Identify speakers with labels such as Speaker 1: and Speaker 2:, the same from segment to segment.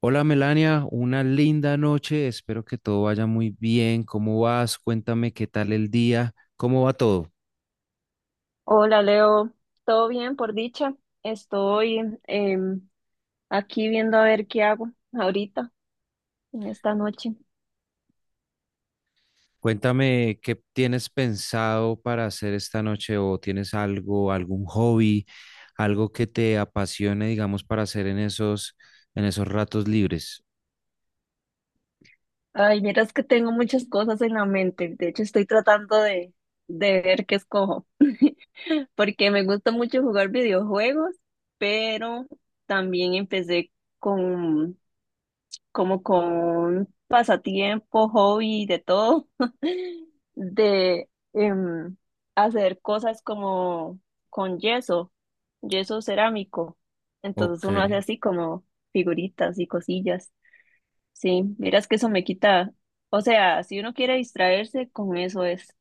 Speaker 1: Hola Melania, una linda noche, espero que todo vaya muy bien. ¿Cómo vas? Cuéntame qué tal el día, cómo va todo.
Speaker 2: Hola Leo, ¿todo bien por dicha? Estoy em, aquí viendo a ver qué hago ahorita, en esta noche.
Speaker 1: Cuéntame qué tienes pensado para hacer esta noche o tienes algo, algún hobby, algo que te apasione, digamos, para hacer en esos ratos libres.
Speaker 2: Ay, miras que tengo muchas cosas en la mente. De hecho, estoy tratando de ver qué escojo, porque me gusta mucho jugar videojuegos, pero también empecé con como con pasatiempo, hobby, de todo, de hacer cosas como con yeso, yeso cerámico. Entonces
Speaker 1: Ok,
Speaker 2: uno hace así como figuritas y cosillas. Sí, miras que eso me quita, o sea, si uno quiere distraerse, con eso es,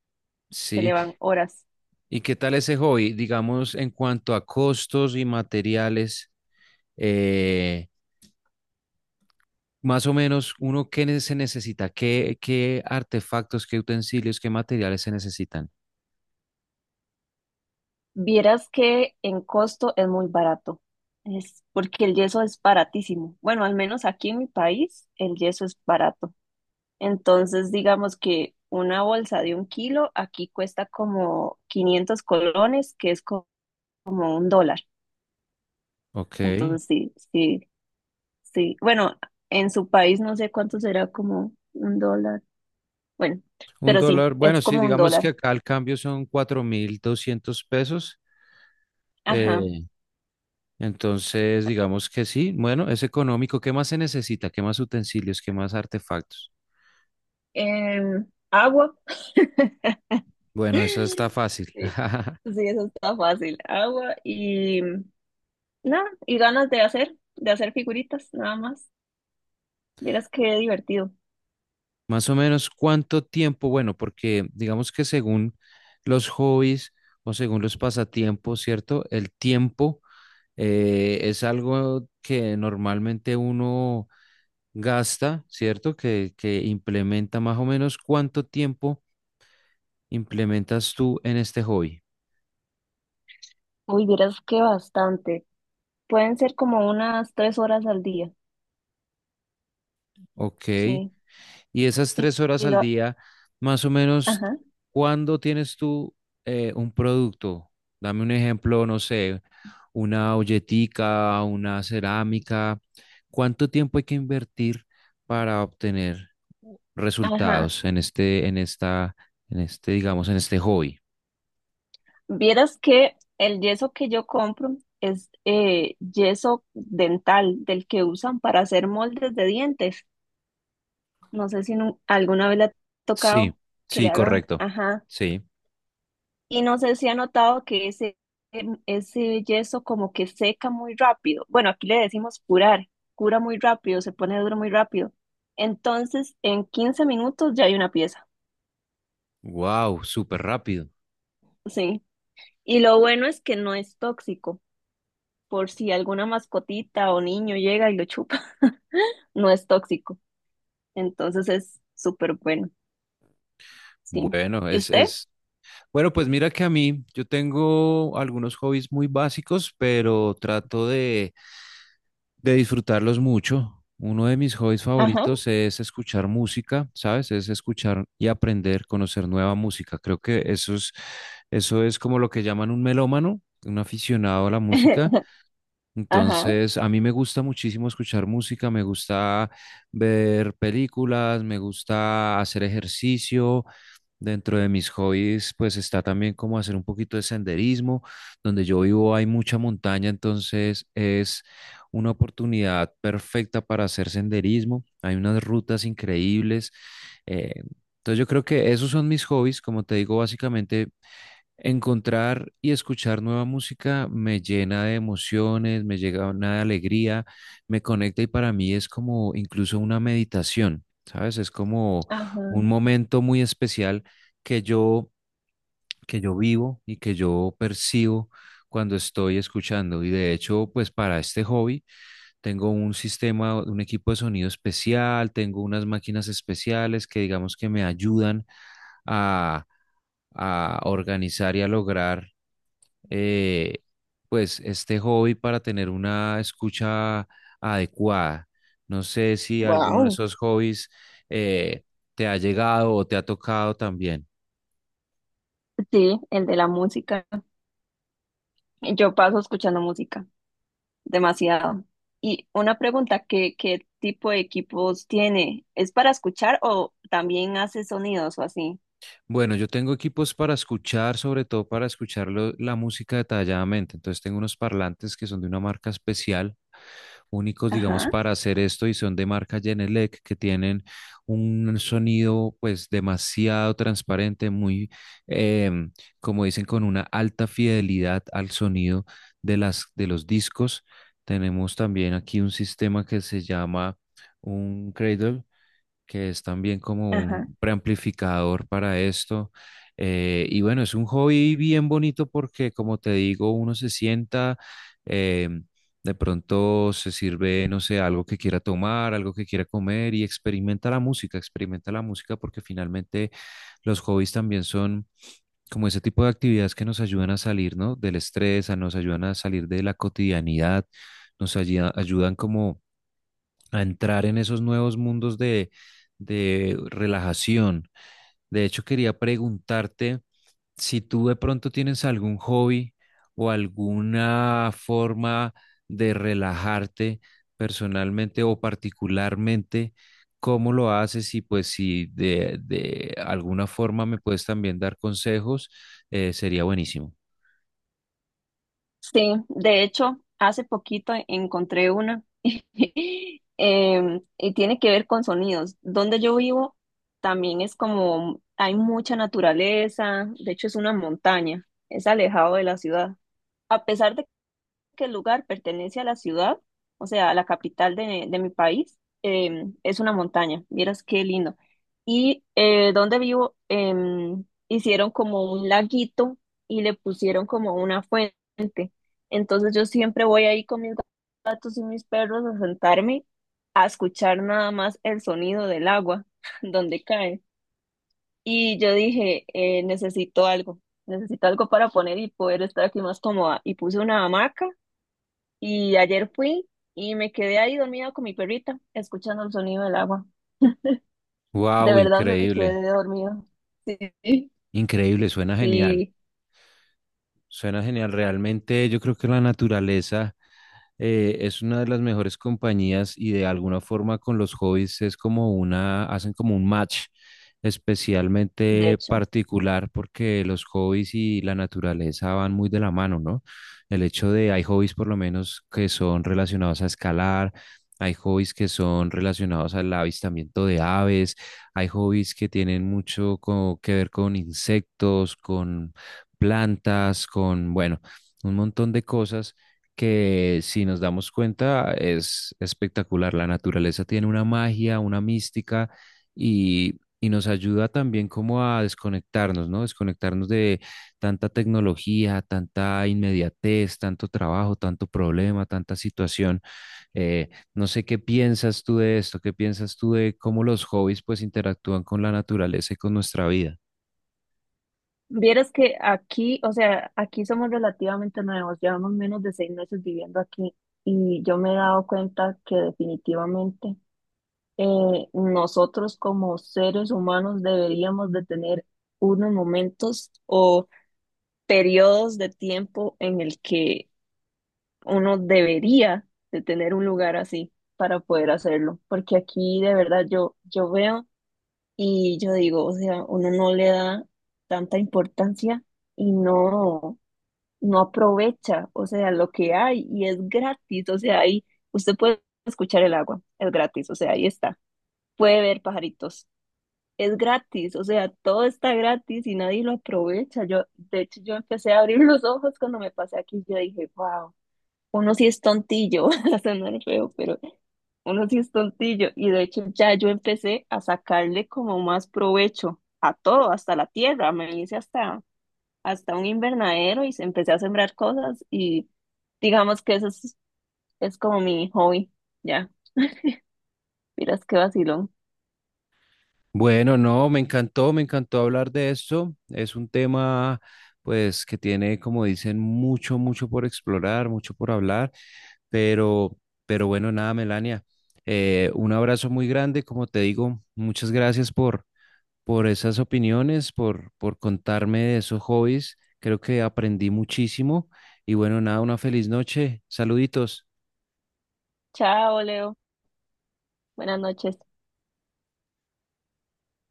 Speaker 2: se le
Speaker 1: sí.
Speaker 2: van horas.
Speaker 1: ¿Y qué tal ese hobby? Digamos, en cuanto a costos y materiales, eh, más o menos, uno, ¿qué se necesita? ¿Qué, qué artefactos, qué utensilios, qué materiales se necesitan?
Speaker 2: Vieras que en costo es muy barato. Es porque el yeso es baratísimo. Bueno, al menos aquí en mi país el yeso es barato. Entonces, digamos que una bolsa de 1 kilo aquí cuesta como 500 colones, que es como $1.
Speaker 1: Ok.
Speaker 2: Entonces, sí, sí, sí. Bueno, en su país no sé cuánto será como $1. Bueno,
Speaker 1: Un
Speaker 2: pero sí,
Speaker 1: dólar, bueno,
Speaker 2: es
Speaker 1: sí,
Speaker 2: como un
Speaker 1: digamos que
Speaker 2: dólar.
Speaker 1: acá el cambio son 4.200 pesos.
Speaker 2: Ajá.
Speaker 1: eh, entonces, digamos que sí, bueno, es económico. ¿Qué más se necesita? ¿Qué más utensilios? ¿Qué más artefactos?
Speaker 2: Agua.
Speaker 1: Bueno, esa está fácil.
Speaker 2: Sí, sí, eso está fácil. Agua y nada, y ganas de hacer figuritas, nada más. Vieras qué divertido.
Speaker 1: Más o menos, ¿cuánto tiempo? Bueno, porque digamos que según los hobbies o según los pasatiempos, ¿cierto? El tiempo, es algo que normalmente uno gasta, ¿cierto? Que implementa más o menos cuánto tiempo implementas tú en este hobby.
Speaker 2: Uy, vieras que bastante. Pueden ser como unas 3 horas al día,
Speaker 1: Ok,
Speaker 2: sí.
Speaker 1: y esas
Speaker 2: Y,
Speaker 1: tres horas
Speaker 2: y
Speaker 1: al
Speaker 2: lo,
Speaker 1: día, más o menos,
Speaker 2: ajá,
Speaker 1: ¿cuándo tienes tú un producto? Dame un ejemplo, no sé, una olletica, una cerámica. ¿Cuánto tiempo hay que invertir para obtener
Speaker 2: ajá.
Speaker 1: resultados en este, digamos, en este hobby?
Speaker 2: Vieras que el yeso que yo compro es yeso dental, del que usan para hacer moldes de dientes. No sé si alguna vez le ha
Speaker 1: Sí,
Speaker 2: tocado que
Speaker 1: sí,
Speaker 2: le hagan,
Speaker 1: correcto.
Speaker 2: ajá.
Speaker 1: Sí.
Speaker 2: Y no sé si ha notado que ese yeso como que seca muy rápido. Bueno, aquí le decimos curar, cura muy rápido, se pone duro muy rápido. Entonces, en 15 minutos ya hay una pieza.
Speaker 1: Wow, súper rápido.
Speaker 2: Sí. Y lo bueno es que no es tóxico, por si alguna mascotita o niño llega y lo chupa, no es tóxico. Entonces es súper bueno, sí.
Speaker 1: Bueno,
Speaker 2: ¿Y
Speaker 1: es,
Speaker 2: usted?
Speaker 1: es, Bueno, pues mira que a mí yo tengo algunos hobbies muy básicos, pero trato de disfrutarlos mucho. Uno de mis hobbies
Speaker 2: Ajá,
Speaker 1: favoritos es escuchar música, ¿sabes? Es escuchar y aprender, conocer nueva música. Creo que eso es como lo que llaman un melómano, un aficionado a la música.
Speaker 2: ajá,
Speaker 1: Entonces, a mí me gusta muchísimo escuchar música, me gusta ver películas, me gusta hacer ejercicio. Dentro de mis hobbies, pues está también como hacer un poquito de senderismo. Donde yo vivo hay mucha montaña, entonces es una oportunidad perfecta para hacer senderismo. Hay unas rutas increíbles. eh, entonces yo creo que esos son mis hobbies. Como te digo, básicamente encontrar y escuchar nueva música me llena de emociones, me llega una alegría, me conecta y para mí es como incluso una meditación, ¿sabes? Es como
Speaker 2: ajá.
Speaker 1: un momento muy especial que yo, que yo vivo y que yo percibo cuando estoy escuchando. Y de hecho, pues para este hobby tengo un sistema, un equipo de sonido especial, tengo unas máquinas especiales que digamos que me ayudan a, a organizar y a lograr, eh, pues este hobby, para tener una escucha adecuada. No sé si alguno de
Speaker 2: Wow.
Speaker 1: esos hobbies eh, te ha llegado o te ha tocado también.
Speaker 2: Sí, el de la música. Yo paso escuchando música, demasiado. Y una pregunta, ¿qué, qué tipo de equipos tiene? ¿Es para escuchar o también hace sonidos o así?
Speaker 1: Bueno, yo tengo equipos para escuchar, sobre todo para escuchar la música detalladamente. Entonces tengo unos parlantes que son de una marca especial, únicos, digamos,
Speaker 2: Ajá,
Speaker 1: para hacer esto y son de marca Genelec, que tienen un sonido pues demasiado transparente, muy, em, como dicen, con una alta fidelidad al sonido de de los discos. Tenemos también aquí un sistema que se llama un cradle, que es también como
Speaker 2: ajá.
Speaker 1: un preamplificador para esto. Y bueno, es un hobby bien bonito porque, como te digo, uno se sienta, eh, de pronto se sirve, no sé, algo que quiera tomar, algo que quiera comer y experimenta la música porque finalmente los hobbies también son como ese tipo de actividades que nos ayudan a salir, ¿no? Del estrés, nos ayudan a salir de la cotidianidad, ayudan como a entrar en esos nuevos mundos de relajación. De hecho, quería preguntarte si tú de pronto tienes algún hobby o alguna forma de relajarte personalmente o particularmente, cómo lo haces y pues si de, de alguna forma me puedes también dar consejos. Sería buenísimo.
Speaker 2: Sí, de hecho, hace poquito encontré una y tiene que ver con sonidos. Donde yo vivo también es como hay mucha naturaleza, de hecho es una montaña, es alejado de la ciudad. A pesar de que el lugar pertenece a la ciudad, o sea, a la capital de mi país, es una montaña. Vieras qué lindo. Y donde vivo, hicieron como un laguito y le pusieron como una fuente. Entonces yo siempre voy ahí con mis gatos y mis perros a sentarme a escuchar nada más el sonido del agua donde cae. Y yo dije, necesito algo, para poner y poder estar aquí más cómoda. Y puse una hamaca y ayer fui y me quedé ahí dormida con mi perrita, escuchando el sonido del agua. De
Speaker 1: Wow,
Speaker 2: verdad me
Speaker 1: increíble,
Speaker 2: quedé dormida. Sí,
Speaker 1: increíble, suena genial.
Speaker 2: sí,
Speaker 1: Suena genial. Realmente yo creo que la naturaleza, es una de las mejores compañías y de alguna forma con los hobbies es como una, hacen como un match
Speaker 2: de
Speaker 1: especialmente
Speaker 2: hecho.
Speaker 1: particular porque los hobbies y la naturaleza van muy de la mano, ¿no? El hecho de hay hobbies por lo menos que son relacionados a escalar, hay hobbies que son relacionados al avistamiento de aves, hay hobbies que tienen mucho que ver con insectos, con plantas, con, bueno, un montón de cosas que si nos damos cuenta es espectacular. La naturaleza tiene una magia, una mística y nos ayuda también como a desconectarnos, ¿no? Desconectarnos de tanta tecnología, tanta inmediatez, tanto trabajo, tanto problema, tanta situación. Eh, no sé qué piensas tú de esto, qué piensas tú de cómo los hobbies pues interactúan con la naturaleza y con nuestra vida.
Speaker 2: Vieras que aquí, o sea, aquí somos relativamente nuevos, llevamos menos de 6 meses viviendo aquí y yo me he dado cuenta que definitivamente nosotros como seres humanos deberíamos de tener unos momentos o periodos de tiempo en el que uno debería de tener un lugar así para poder hacerlo, porque aquí de verdad yo veo y yo digo, o sea, uno no le da tanta importancia y no, no aprovecha, o sea, lo que hay y es gratis, o sea, ahí usted puede escuchar el agua, es gratis, o sea, ahí está, puede ver pajaritos. Es gratis, o sea, todo está gratis y nadie lo aprovecha. Yo, de hecho, yo empecé a abrir los ojos cuando me pasé aquí. Yo dije, wow, uno sí es tontillo, va a sonar feo, pero uno sí es tontillo. Y de hecho ya yo empecé a sacarle como más provecho a todo, hasta la tierra. Me hice hasta un invernadero y empecé a sembrar cosas y digamos que eso es como mi hobby. Ya, miras qué vacilón.
Speaker 1: Bueno, no, me encantó hablar de esto. Es un tema, pues, que tiene, como dicen, mucho, mucho por explorar, mucho por hablar, pero, pero bueno, nada, Melania. Un abrazo muy grande, como te digo, muchas gracias por esas opiniones, por contarme de esos hobbies. Creo que aprendí muchísimo y bueno, nada, una feliz noche. Saluditos.
Speaker 2: Chao, Leo. Buenas noches.